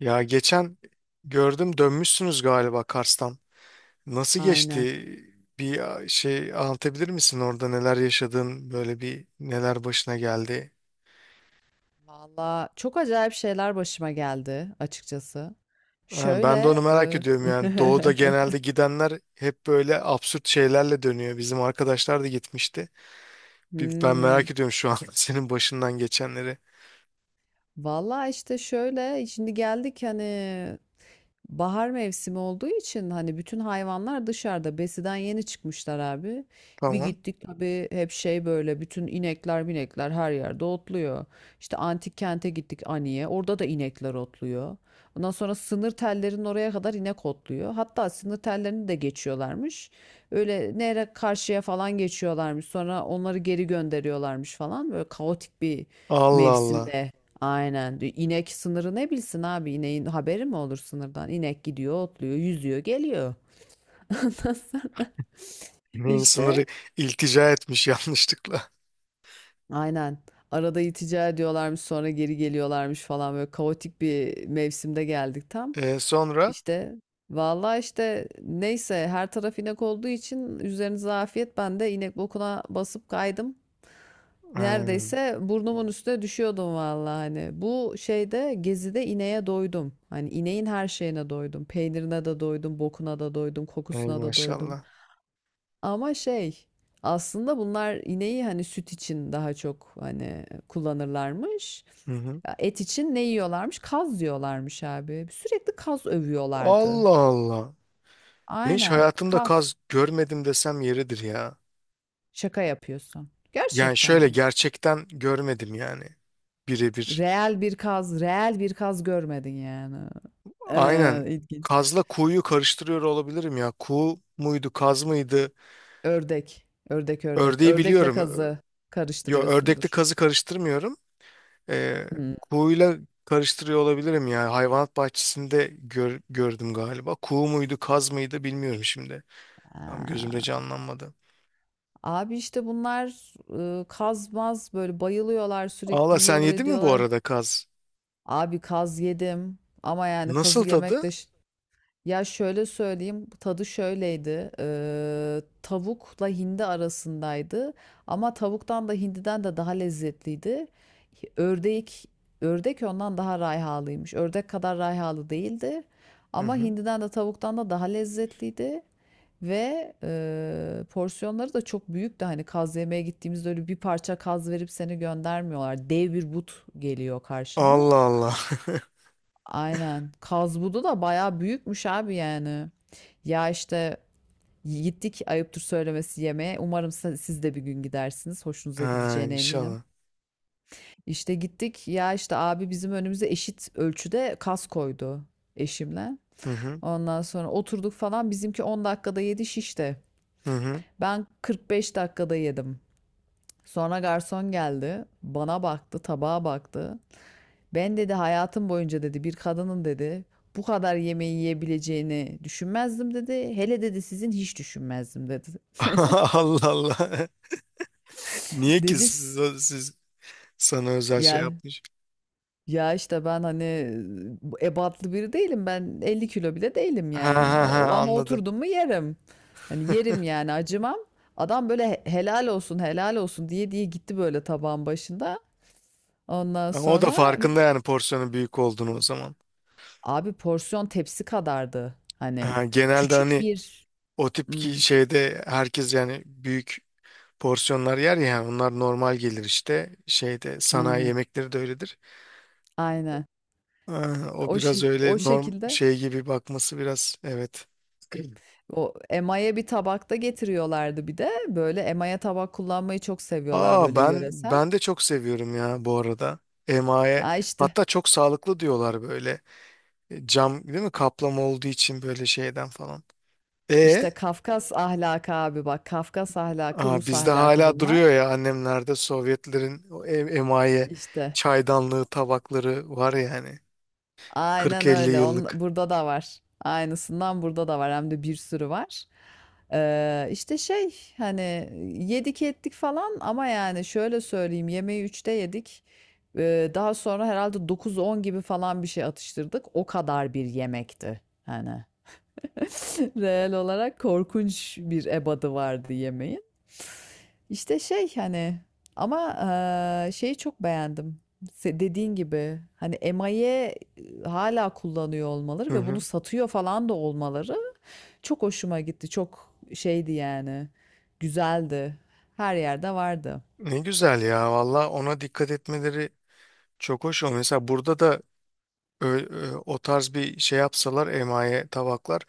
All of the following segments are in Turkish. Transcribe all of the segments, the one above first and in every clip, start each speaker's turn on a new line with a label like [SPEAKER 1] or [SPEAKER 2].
[SPEAKER 1] Ya geçen gördüm dönmüşsünüz galiba Kars'tan. Nasıl
[SPEAKER 2] Aynen.
[SPEAKER 1] geçti? Bir şey anlatabilir misin orada neler yaşadın? Böyle bir neler başına geldi?
[SPEAKER 2] Valla çok acayip şeyler başıma geldi açıkçası.
[SPEAKER 1] Ha, ben de onu
[SPEAKER 2] Şöyle,
[SPEAKER 1] merak ediyorum yani. Doğu'da genelde gidenler hep böyle absürt şeylerle dönüyor. Bizim arkadaşlar da gitmişti. Ben
[SPEAKER 2] hmm,
[SPEAKER 1] merak ediyorum şu an senin başından geçenleri.
[SPEAKER 2] valla işte şöyle, şimdi geldik hani bahar mevsimi olduğu için hani bütün hayvanlar dışarıda besiden yeni çıkmışlar abi. Bir
[SPEAKER 1] Tamam.
[SPEAKER 2] gittik tabii hep şey böyle bütün inekler binekler her yerde otluyor. İşte antik kente gittik Ani'ye, orada da inekler otluyor. Ondan sonra sınır tellerinin oraya kadar inek otluyor. Hatta sınır tellerini de geçiyorlarmış. Öyle nehre karşıya falan geçiyorlarmış. Sonra onları geri gönderiyorlarmış falan. Böyle kaotik bir
[SPEAKER 1] Allah Allah.
[SPEAKER 2] mevsimde. Aynen. Bir İnek sınırı ne bilsin abi? İneğin haberi mi olur sınırdan? İnek gidiyor, otluyor, yüzüyor, geliyor.
[SPEAKER 1] Yemeğin sınırı
[SPEAKER 2] İşte
[SPEAKER 1] iltica etmiş yanlışlıkla.
[SPEAKER 2] aynen. Arada itica ediyorlarmış, sonra geri geliyorlarmış falan, böyle kaotik bir mevsimde geldik tam.
[SPEAKER 1] E, sonra?
[SPEAKER 2] İşte vallahi işte neyse, her taraf inek olduğu için üzerinize afiyet. Ben de inek bokuna basıp kaydım.
[SPEAKER 1] Ha,
[SPEAKER 2] Neredeyse burnumun üstüne düşüyordum vallahi hani. Bu şeyde, gezide, ineğe doydum. Hani ineğin her şeyine doydum. Peynirine de doydum, bokuna da doydum,
[SPEAKER 1] ey
[SPEAKER 2] kokusuna da doydum.
[SPEAKER 1] maşallah.
[SPEAKER 2] Ama şey, aslında bunlar ineği hani süt için daha çok hani kullanırlarmış.
[SPEAKER 1] Hı hı.
[SPEAKER 2] Ya, et için ne yiyorlarmış? Kaz diyorlarmış abi. Sürekli kaz övüyorlardı.
[SPEAKER 1] Allah Allah. Ben hiç
[SPEAKER 2] Aynen,
[SPEAKER 1] hayatımda
[SPEAKER 2] kaz.
[SPEAKER 1] kaz görmedim desem yeridir ya.
[SPEAKER 2] Şaka yapıyorsun.
[SPEAKER 1] Yani
[SPEAKER 2] Gerçekten
[SPEAKER 1] şöyle
[SPEAKER 2] mi?
[SPEAKER 1] gerçekten görmedim yani. Birebir.
[SPEAKER 2] Reel bir kaz, reel bir kaz görmedin yani.
[SPEAKER 1] Aynen.
[SPEAKER 2] İlginç.
[SPEAKER 1] Kazla kuğuyu karıştırıyor olabilirim ya. Kuğu muydu, kaz mıydı?
[SPEAKER 2] Ördek, ördek, ördek.
[SPEAKER 1] Ördeği
[SPEAKER 2] Ördekle
[SPEAKER 1] biliyorum.
[SPEAKER 2] kazı
[SPEAKER 1] Yo, ördekle
[SPEAKER 2] karıştırıyorsundur.
[SPEAKER 1] kazı karıştırmıyorum. Ee,
[SPEAKER 2] Hmm.
[SPEAKER 1] kuğuyla karıştırıyor olabilirim ya. Hayvanat bahçesinde gördüm galiba. Kuğu muydu, kaz mıydı bilmiyorum şimdi. Tam gözümde
[SPEAKER 2] Aa,
[SPEAKER 1] canlanmadı.
[SPEAKER 2] abi işte bunlar kaz, böyle bayılıyorlar, sürekli
[SPEAKER 1] Allah sen
[SPEAKER 2] yiyorlar
[SPEAKER 1] yedin mi bu
[SPEAKER 2] ediyorlar.
[SPEAKER 1] arada kaz?
[SPEAKER 2] Abi kaz yedim, ama yani
[SPEAKER 1] Nasıl
[SPEAKER 2] kazı yemek
[SPEAKER 1] tadı?
[SPEAKER 2] de. Ya şöyle söyleyeyim, tadı şöyleydi, tavukla hindi arasındaydı, ama tavuktan da hindiden de daha lezzetliydi. Ördek, ördek ondan daha rayhalıymış, ördek kadar rayhalı değildi
[SPEAKER 1] Hı
[SPEAKER 2] ama
[SPEAKER 1] hı.
[SPEAKER 2] hindiden de tavuktan da daha lezzetliydi. Ve porsiyonları da çok büyüktü. Hani kaz yemeye gittiğimizde öyle bir parça kaz verip seni göndermiyorlar. Dev bir but geliyor karşına.
[SPEAKER 1] Allah Allah.
[SPEAKER 2] Aynen. Kaz budu da bayağı büyükmüş abi yani. Ya işte gittik, ayıptır söylemesi, yemeğe. Umarım siz de bir gün gidersiniz. Hoşunuza
[SPEAKER 1] Ha,
[SPEAKER 2] gideceğine eminim.
[SPEAKER 1] inşallah.
[SPEAKER 2] İşte gittik. Ya işte abi bizim önümüze eşit ölçüde kas koydu eşimle.
[SPEAKER 1] Hı hı.
[SPEAKER 2] Ondan sonra oturduk falan. Bizimki 10 dakikada 7 şişte.
[SPEAKER 1] Hı hı.
[SPEAKER 2] Ben 45 dakikada yedim. Sonra garson geldi. Bana baktı, tabağa baktı. Ben, dedi, hayatım boyunca, dedi, bir kadının, dedi, bu kadar yemeği yiyebileceğini düşünmezdim, dedi. Hele, dedi, sizin hiç düşünmezdim, dedi. Böyle.
[SPEAKER 1] Allah Allah. Niye ki
[SPEAKER 2] Dedi s-
[SPEAKER 1] siz sana özel şey
[SPEAKER 2] ya
[SPEAKER 1] yapmış?
[SPEAKER 2] ya işte ben hani ebatlı biri değilim, ben 50 kilo bile değilim
[SPEAKER 1] Ha
[SPEAKER 2] yani.
[SPEAKER 1] ha ha,
[SPEAKER 2] Ama
[SPEAKER 1] anladım.
[SPEAKER 2] oturdum mu yerim, hani yerim yani, acımam. Adam böyle helal olsun helal olsun diye diye gitti böyle tabağın başında. Ondan
[SPEAKER 1] Ama o da
[SPEAKER 2] sonra
[SPEAKER 1] farkında yani porsiyonun büyük olduğunu o zaman.
[SPEAKER 2] abi, porsiyon tepsi kadardı hani,
[SPEAKER 1] Ha, genelde
[SPEAKER 2] küçük
[SPEAKER 1] hani
[SPEAKER 2] bir.
[SPEAKER 1] o tip ki
[SPEAKER 2] Hmm,
[SPEAKER 1] şeyde herkes yani büyük porsiyonlar yer ya, yani onlar normal gelir işte şeyde sanayi
[SPEAKER 2] aynen
[SPEAKER 1] yemekleri de öyledir.
[SPEAKER 2] aynen,
[SPEAKER 1] Ha, o
[SPEAKER 2] o
[SPEAKER 1] biraz
[SPEAKER 2] şey, o
[SPEAKER 1] öyle norm
[SPEAKER 2] şekilde,
[SPEAKER 1] şey gibi bakması biraz, evet.
[SPEAKER 2] o emaye bir tabakta getiriyorlardı. Bir de böyle emaye tabak kullanmayı çok seviyorlar,
[SPEAKER 1] Aa,
[SPEAKER 2] böyle
[SPEAKER 1] ben
[SPEAKER 2] yöresel.
[SPEAKER 1] ben de çok seviyorum ya bu arada. Emaye.
[SPEAKER 2] Ya, işte,
[SPEAKER 1] Hatta çok sağlıklı diyorlar böyle. E, cam değil mi? Kaplama olduğu için böyle şeyden falan. E
[SPEAKER 2] işte Kafkas ahlakı abi bak. Kafkas ahlakı,
[SPEAKER 1] aa,
[SPEAKER 2] Rus
[SPEAKER 1] bizde
[SPEAKER 2] ahlakı
[SPEAKER 1] hala duruyor
[SPEAKER 2] bunlar.
[SPEAKER 1] ya, annemlerde Sovyetlerin o emaye
[SPEAKER 2] İşte.
[SPEAKER 1] çaydanlığı tabakları var yani.
[SPEAKER 2] Aynen
[SPEAKER 1] 40-50
[SPEAKER 2] öyle. On,
[SPEAKER 1] yıllık.
[SPEAKER 2] burada da var. Aynısından burada da var. Hem de bir sürü var. İşte şey hani, yedik ettik falan, ama yani şöyle söyleyeyim, yemeği 3'te yedik. Daha sonra herhalde dokuz on gibi falan bir şey atıştırdık. O kadar bir yemekti. Hani. Reel olarak korkunç bir ebadı vardı yemeğin. İşte şey hani ama şeyi çok beğendim. Dediğin gibi hani emaye hala kullanıyor olmaları
[SPEAKER 1] Hı
[SPEAKER 2] ve bunu
[SPEAKER 1] hı.
[SPEAKER 2] satıyor falan da olmaları çok hoşuma gitti. Çok şeydi yani. Güzeldi. Her yerde vardı.
[SPEAKER 1] Ne güzel ya, valla ona dikkat etmeleri çok hoş. O mesela burada da o tarz bir şey yapsalar emaye tabaklar,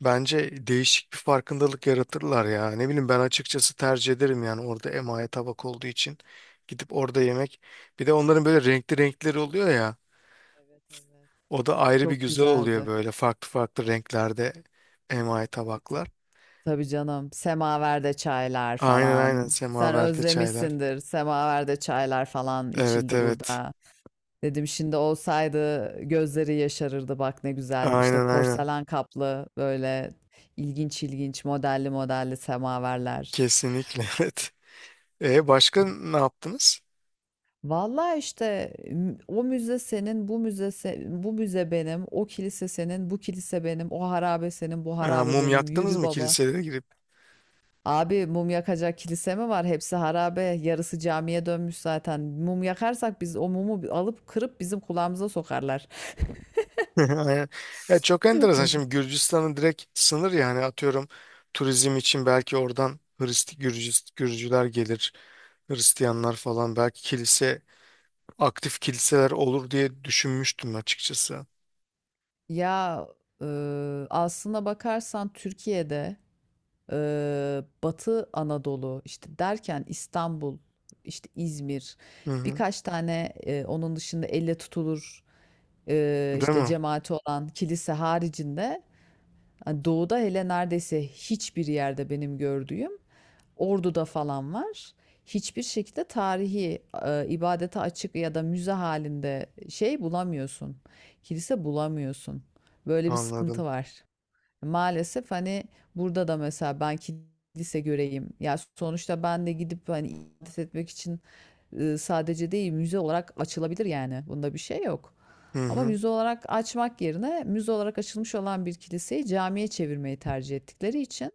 [SPEAKER 1] bence değişik bir farkındalık yaratırlar ya. Ne bileyim, ben açıkçası tercih ederim yani, orada emaye tabak olduğu için gidip orada yemek. Bir de onların böyle renkli renkleri oluyor ya.
[SPEAKER 2] Evet, evet.
[SPEAKER 1] O da ayrı bir
[SPEAKER 2] Çok
[SPEAKER 1] güzel oluyor
[SPEAKER 2] güzeldi.
[SPEAKER 1] böyle farklı farklı renklerde emaye tabaklar.
[SPEAKER 2] Tabii canım. Semaverde çaylar
[SPEAKER 1] Aynen aynen,
[SPEAKER 2] falan. Sen
[SPEAKER 1] semaverde çaylar.
[SPEAKER 2] özlemişsindir. Semaverde çaylar falan
[SPEAKER 1] Evet,
[SPEAKER 2] içildi
[SPEAKER 1] evet.
[SPEAKER 2] burada. Dedim şimdi olsaydı gözleri yaşarırdı, bak ne güzel. İşte
[SPEAKER 1] Aynen, aynen.
[SPEAKER 2] porselen kaplı böyle ilginç ilginç modelli modelli semaverler.
[SPEAKER 1] Kesinlikle evet. E, başka ne yaptınız?
[SPEAKER 2] Vallahi işte o müze senin, bu müze, bu müze benim, o kilise senin, bu kilise benim, o harabe senin, bu
[SPEAKER 1] E,
[SPEAKER 2] harabe
[SPEAKER 1] mum
[SPEAKER 2] benim.
[SPEAKER 1] yaktınız
[SPEAKER 2] Yürü
[SPEAKER 1] mı
[SPEAKER 2] baba.
[SPEAKER 1] kilisede?
[SPEAKER 2] Abi mum yakacak kilise mi var? Hepsi harabe. Yarısı camiye dönmüş zaten. Mum yakarsak biz o mumu alıp kırıp bizim kulağımıza sokarlar.
[SPEAKER 1] Aynen. Ya çok enteresan.
[SPEAKER 2] Oy.
[SPEAKER 1] Şimdi Gürcistan'ın direkt sınır, yani atıyorum, turizm için belki oradan Gürcüler gelir, Hristiyanlar falan, belki kilise, aktif kiliseler olur diye düşünmüştüm açıkçası.
[SPEAKER 2] Ya e, aslına bakarsan Türkiye'de Batı Anadolu işte derken, İstanbul, işte İzmir,
[SPEAKER 1] Hı hı.
[SPEAKER 2] birkaç tane, onun dışında elle tutulur
[SPEAKER 1] Değil
[SPEAKER 2] işte
[SPEAKER 1] mi?
[SPEAKER 2] cemaati olan kilise haricinde hani doğuda hele neredeyse hiçbir yerde benim gördüğüm, Ordu'da falan var. Hiçbir şekilde tarihi, ibadete açık ya da müze halinde şey bulamıyorsun. Kilise bulamıyorsun. Böyle bir sıkıntı
[SPEAKER 1] Anladım.
[SPEAKER 2] var. Maalesef hani burada da mesela ben kilise göreyim. Ya sonuçta ben de gidip hani ibadet etmek için sadece değil, müze olarak açılabilir yani. Bunda bir şey yok.
[SPEAKER 1] Hı
[SPEAKER 2] Ama
[SPEAKER 1] hı.
[SPEAKER 2] müze olarak açmak yerine müze olarak açılmış olan bir kiliseyi camiye çevirmeyi tercih ettikleri için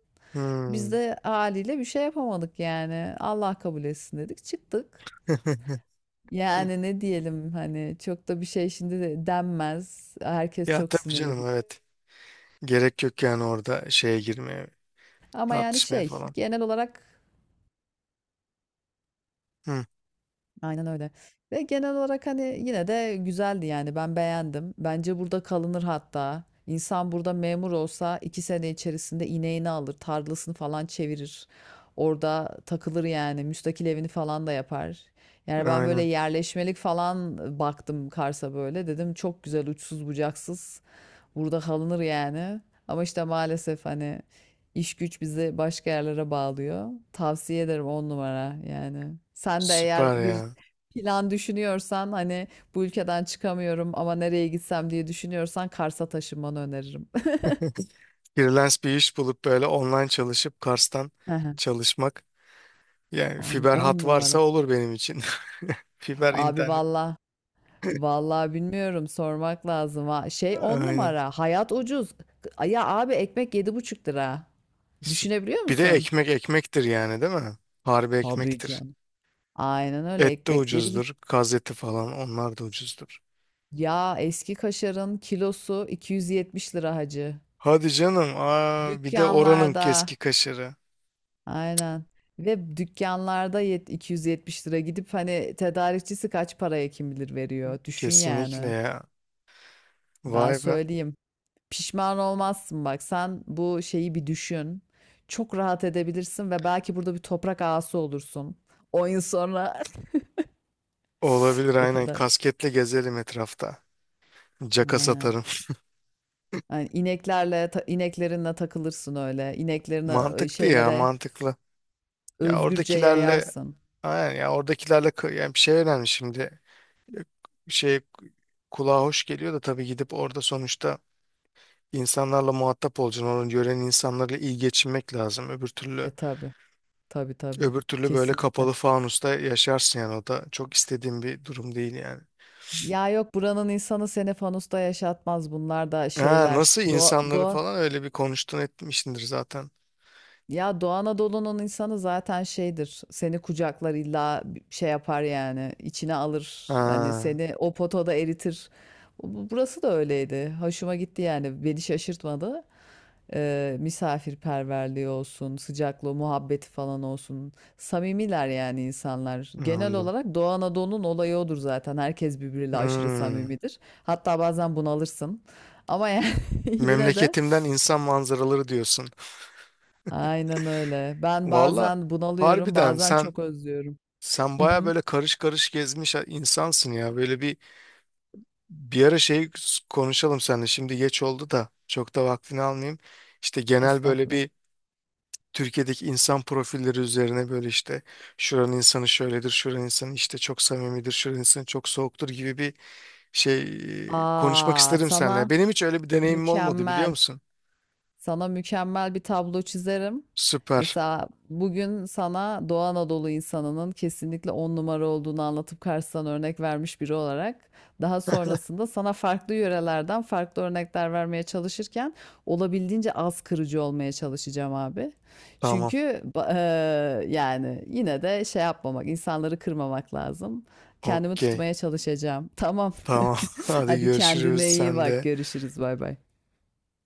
[SPEAKER 2] biz
[SPEAKER 1] Hı.
[SPEAKER 2] de haliyle bir şey yapamadık yani. Allah kabul etsin dedik, çıktık. Yani ne diyelim hani, çok da bir şey şimdi de denmez. Herkes
[SPEAKER 1] Ya
[SPEAKER 2] çok
[SPEAKER 1] tabii
[SPEAKER 2] sinirli,
[SPEAKER 1] canım, evet.
[SPEAKER 2] biliyorum.
[SPEAKER 1] Gerek yok yani orada şeye girmeye,
[SPEAKER 2] Ama yani
[SPEAKER 1] tartışmaya
[SPEAKER 2] şey,
[SPEAKER 1] falan.
[SPEAKER 2] genel olarak
[SPEAKER 1] Hı.
[SPEAKER 2] aynen öyle. Ve genel olarak hani yine de güzeldi yani, ben beğendim. Bence burada kalınır hatta. İnsan burada memur olsa 2 sene içerisinde ineğini alır, tarlasını falan çevirir. Orada takılır yani, müstakil evini falan da yapar. Yani ben böyle
[SPEAKER 1] Aynen.
[SPEAKER 2] yerleşmelik falan baktım Kars'a, böyle. Dedim çok güzel, uçsuz bucaksız. Burada kalınır yani. Ama işte maalesef hani iş güç bizi başka yerlere bağlıyor. Tavsiye ederim, on numara yani. Sen de eğer
[SPEAKER 1] Süper
[SPEAKER 2] bir
[SPEAKER 1] ya.
[SPEAKER 2] plan düşünüyorsan hani, bu ülkeden çıkamıyorum ama nereye gitsem diye düşünüyorsan, Kars'a taşınmanı öneririm.
[SPEAKER 1] Freelance bir iş bulup böyle online çalışıp Kars'tan
[SPEAKER 2] Aha.
[SPEAKER 1] çalışmak. Yani
[SPEAKER 2] On,
[SPEAKER 1] fiber
[SPEAKER 2] on
[SPEAKER 1] hat varsa
[SPEAKER 2] numara.
[SPEAKER 1] olur benim için. Fiber
[SPEAKER 2] Abi
[SPEAKER 1] internet.
[SPEAKER 2] valla. Valla bilmiyorum, sormak lazım. Ha. Şey, on
[SPEAKER 1] Aynen.
[SPEAKER 2] numara. Hayat ucuz. Ya abi, ekmek 7,5 lira.
[SPEAKER 1] Süp-
[SPEAKER 2] Düşünebiliyor
[SPEAKER 1] Bir de
[SPEAKER 2] musun?
[SPEAKER 1] ekmek ekmektir yani, değil mi? Harbi
[SPEAKER 2] Tabii
[SPEAKER 1] ekmektir.
[SPEAKER 2] canım. Aynen öyle,
[SPEAKER 1] Et de
[SPEAKER 2] ekmek yedi.
[SPEAKER 1] ucuzdur. Kaz eti falan, onlar da ucuzdur.
[SPEAKER 2] Ya, eski kaşarın kilosu 270 lira hacı.
[SPEAKER 1] Hadi canım. Aa, bir de oranın keski
[SPEAKER 2] Dükkanlarda.
[SPEAKER 1] kaşarı.
[SPEAKER 2] Aynen. Ve dükkanlarda yet 270 lira, gidip hani tedarikçisi kaç paraya kim bilir veriyor. Düşün
[SPEAKER 1] Kesinlikle
[SPEAKER 2] yani.
[SPEAKER 1] ya.
[SPEAKER 2] Ben
[SPEAKER 1] Vay be.
[SPEAKER 2] söyleyeyim. Pişman olmazsın bak. Sen bu şeyi bir düşün. Çok rahat edebilirsin ve belki burada bir toprak ağası olursun. 10 yıl sonra.
[SPEAKER 1] Olabilir,
[SPEAKER 2] O
[SPEAKER 1] aynen.
[SPEAKER 2] kadar.
[SPEAKER 1] Kasketle gezelim etrafta. Caka
[SPEAKER 2] Aynen.
[SPEAKER 1] satarım.
[SPEAKER 2] Yani ineklerle ineklerinle takılırsın öyle. İneklerine,
[SPEAKER 1] Mantıklı ya,
[SPEAKER 2] şeylere,
[SPEAKER 1] mantıklı. Ya
[SPEAKER 2] özgürce
[SPEAKER 1] oradakilerle,
[SPEAKER 2] yayarsın.
[SPEAKER 1] aynen, yani bir şey önemli şimdi. Şey kulağa hoş geliyor da tabii gidip orada sonuçta insanlarla muhatap olacaksın. Onun gören insanlarla iyi geçinmek lazım. Öbür
[SPEAKER 2] E
[SPEAKER 1] türlü,
[SPEAKER 2] tabi, tabi tabi.
[SPEAKER 1] böyle
[SPEAKER 2] Kesinlikle.
[SPEAKER 1] kapalı fanusta yaşarsın yani, o da çok istediğim bir durum değil yani.
[SPEAKER 2] Ya yok, buranın insanı seni fanusta yaşatmaz. Bunlar da
[SPEAKER 1] Ha,
[SPEAKER 2] şeyler.
[SPEAKER 1] nasıl
[SPEAKER 2] Doğa,
[SPEAKER 1] insanları
[SPEAKER 2] doğa,
[SPEAKER 1] falan öyle bir konuştun etmişsindir zaten.
[SPEAKER 2] ya, Doğu Anadolu'nun insanı zaten şeydir. Seni kucaklar, illa bir şey yapar yani, içine alır. Hani
[SPEAKER 1] Ha,
[SPEAKER 2] seni o potoda eritir. Burası da öyleydi. Hoşuma gitti yani. Beni şaşırtmadı. Misafirperverliği olsun, sıcaklığı, muhabbeti falan olsun. Samimiler yani insanlar. Genel
[SPEAKER 1] anladım.
[SPEAKER 2] olarak Doğu Anadolu'nun olayı odur zaten. Herkes birbiriyle aşırı
[SPEAKER 1] Hmm.
[SPEAKER 2] samimidir. Hatta bazen bunalırsın. Ama yani, yine de
[SPEAKER 1] Memleketimden insan manzaraları diyorsun.
[SPEAKER 2] aynen öyle. Ben
[SPEAKER 1] Valla
[SPEAKER 2] bazen bunalıyorum,
[SPEAKER 1] harbiden
[SPEAKER 2] bazen
[SPEAKER 1] sen
[SPEAKER 2] çok özlüyorum.
[SPEAKER 1] Sen baya
[SPEAKER 2] Mhm.
[SPEAKER 1] böyle karış karış gezmiş insansın ya. Böyle bir ara şey konuşalım seninle. Şimdi geç oldu da çok da vaktini almayayım. İşte genel böyle
[SPEAKER 2] Estağfurullah.
[SPEAKER 1] bir Türkiye'deki insan profilleri üzerine, böyle işte şuranın insanı şöyledir, şuranın insanı işte çok samimidir, şuranın insanı çok soğuktur gibi bir şey, konuşmak
[SPEAKER 2] Aa,
[SPEAKER 1] isterim seninle.
[SPEAKER 2] sana
[SPEAKER 1] Benim hiç öyle bir deneyimim olmadı, biliyor
[SPEAKER 2] mükemmel.
[SPEAKER 1] musun?
[SPEAKER 2] Sana mükemmel bir tablo çizerim.
[SPEAKER 1] Süper.
[SPEAKER 2] Mesela bugün sana Doğu Anadolu insanının kesinlikle on numara olduğunu anlatıp karşısına örnek vermiş biri olarak, daha sonrasında sana farklı yörelerden farklı örnekler vermeye çalışırken olabildiğince az kırıcı olmaya çalışacağım abi.
[SPEAKER 1] Tamam.
[SPEAKER 2] Çünkü ba- yani yine de şey yapmamak, insanları kırmamak lazım. Kendimi
[SPEAKER 1] Okey.
[SPEAKER 2] tutmaya çalışacağım. Tamam.
[SPEAKER 1] Tamam. Hadi
[SPEAKER 2] Hadi
[SPEAKER 1] görüşürüz.
[SPEAKER 2] kendine iyi
[SPEAKER 1] Sen
[SPEAKER 2] bak.
[SPEAKER 1] de.
[SPEAKER 2] Görüşürüz. Bay bay.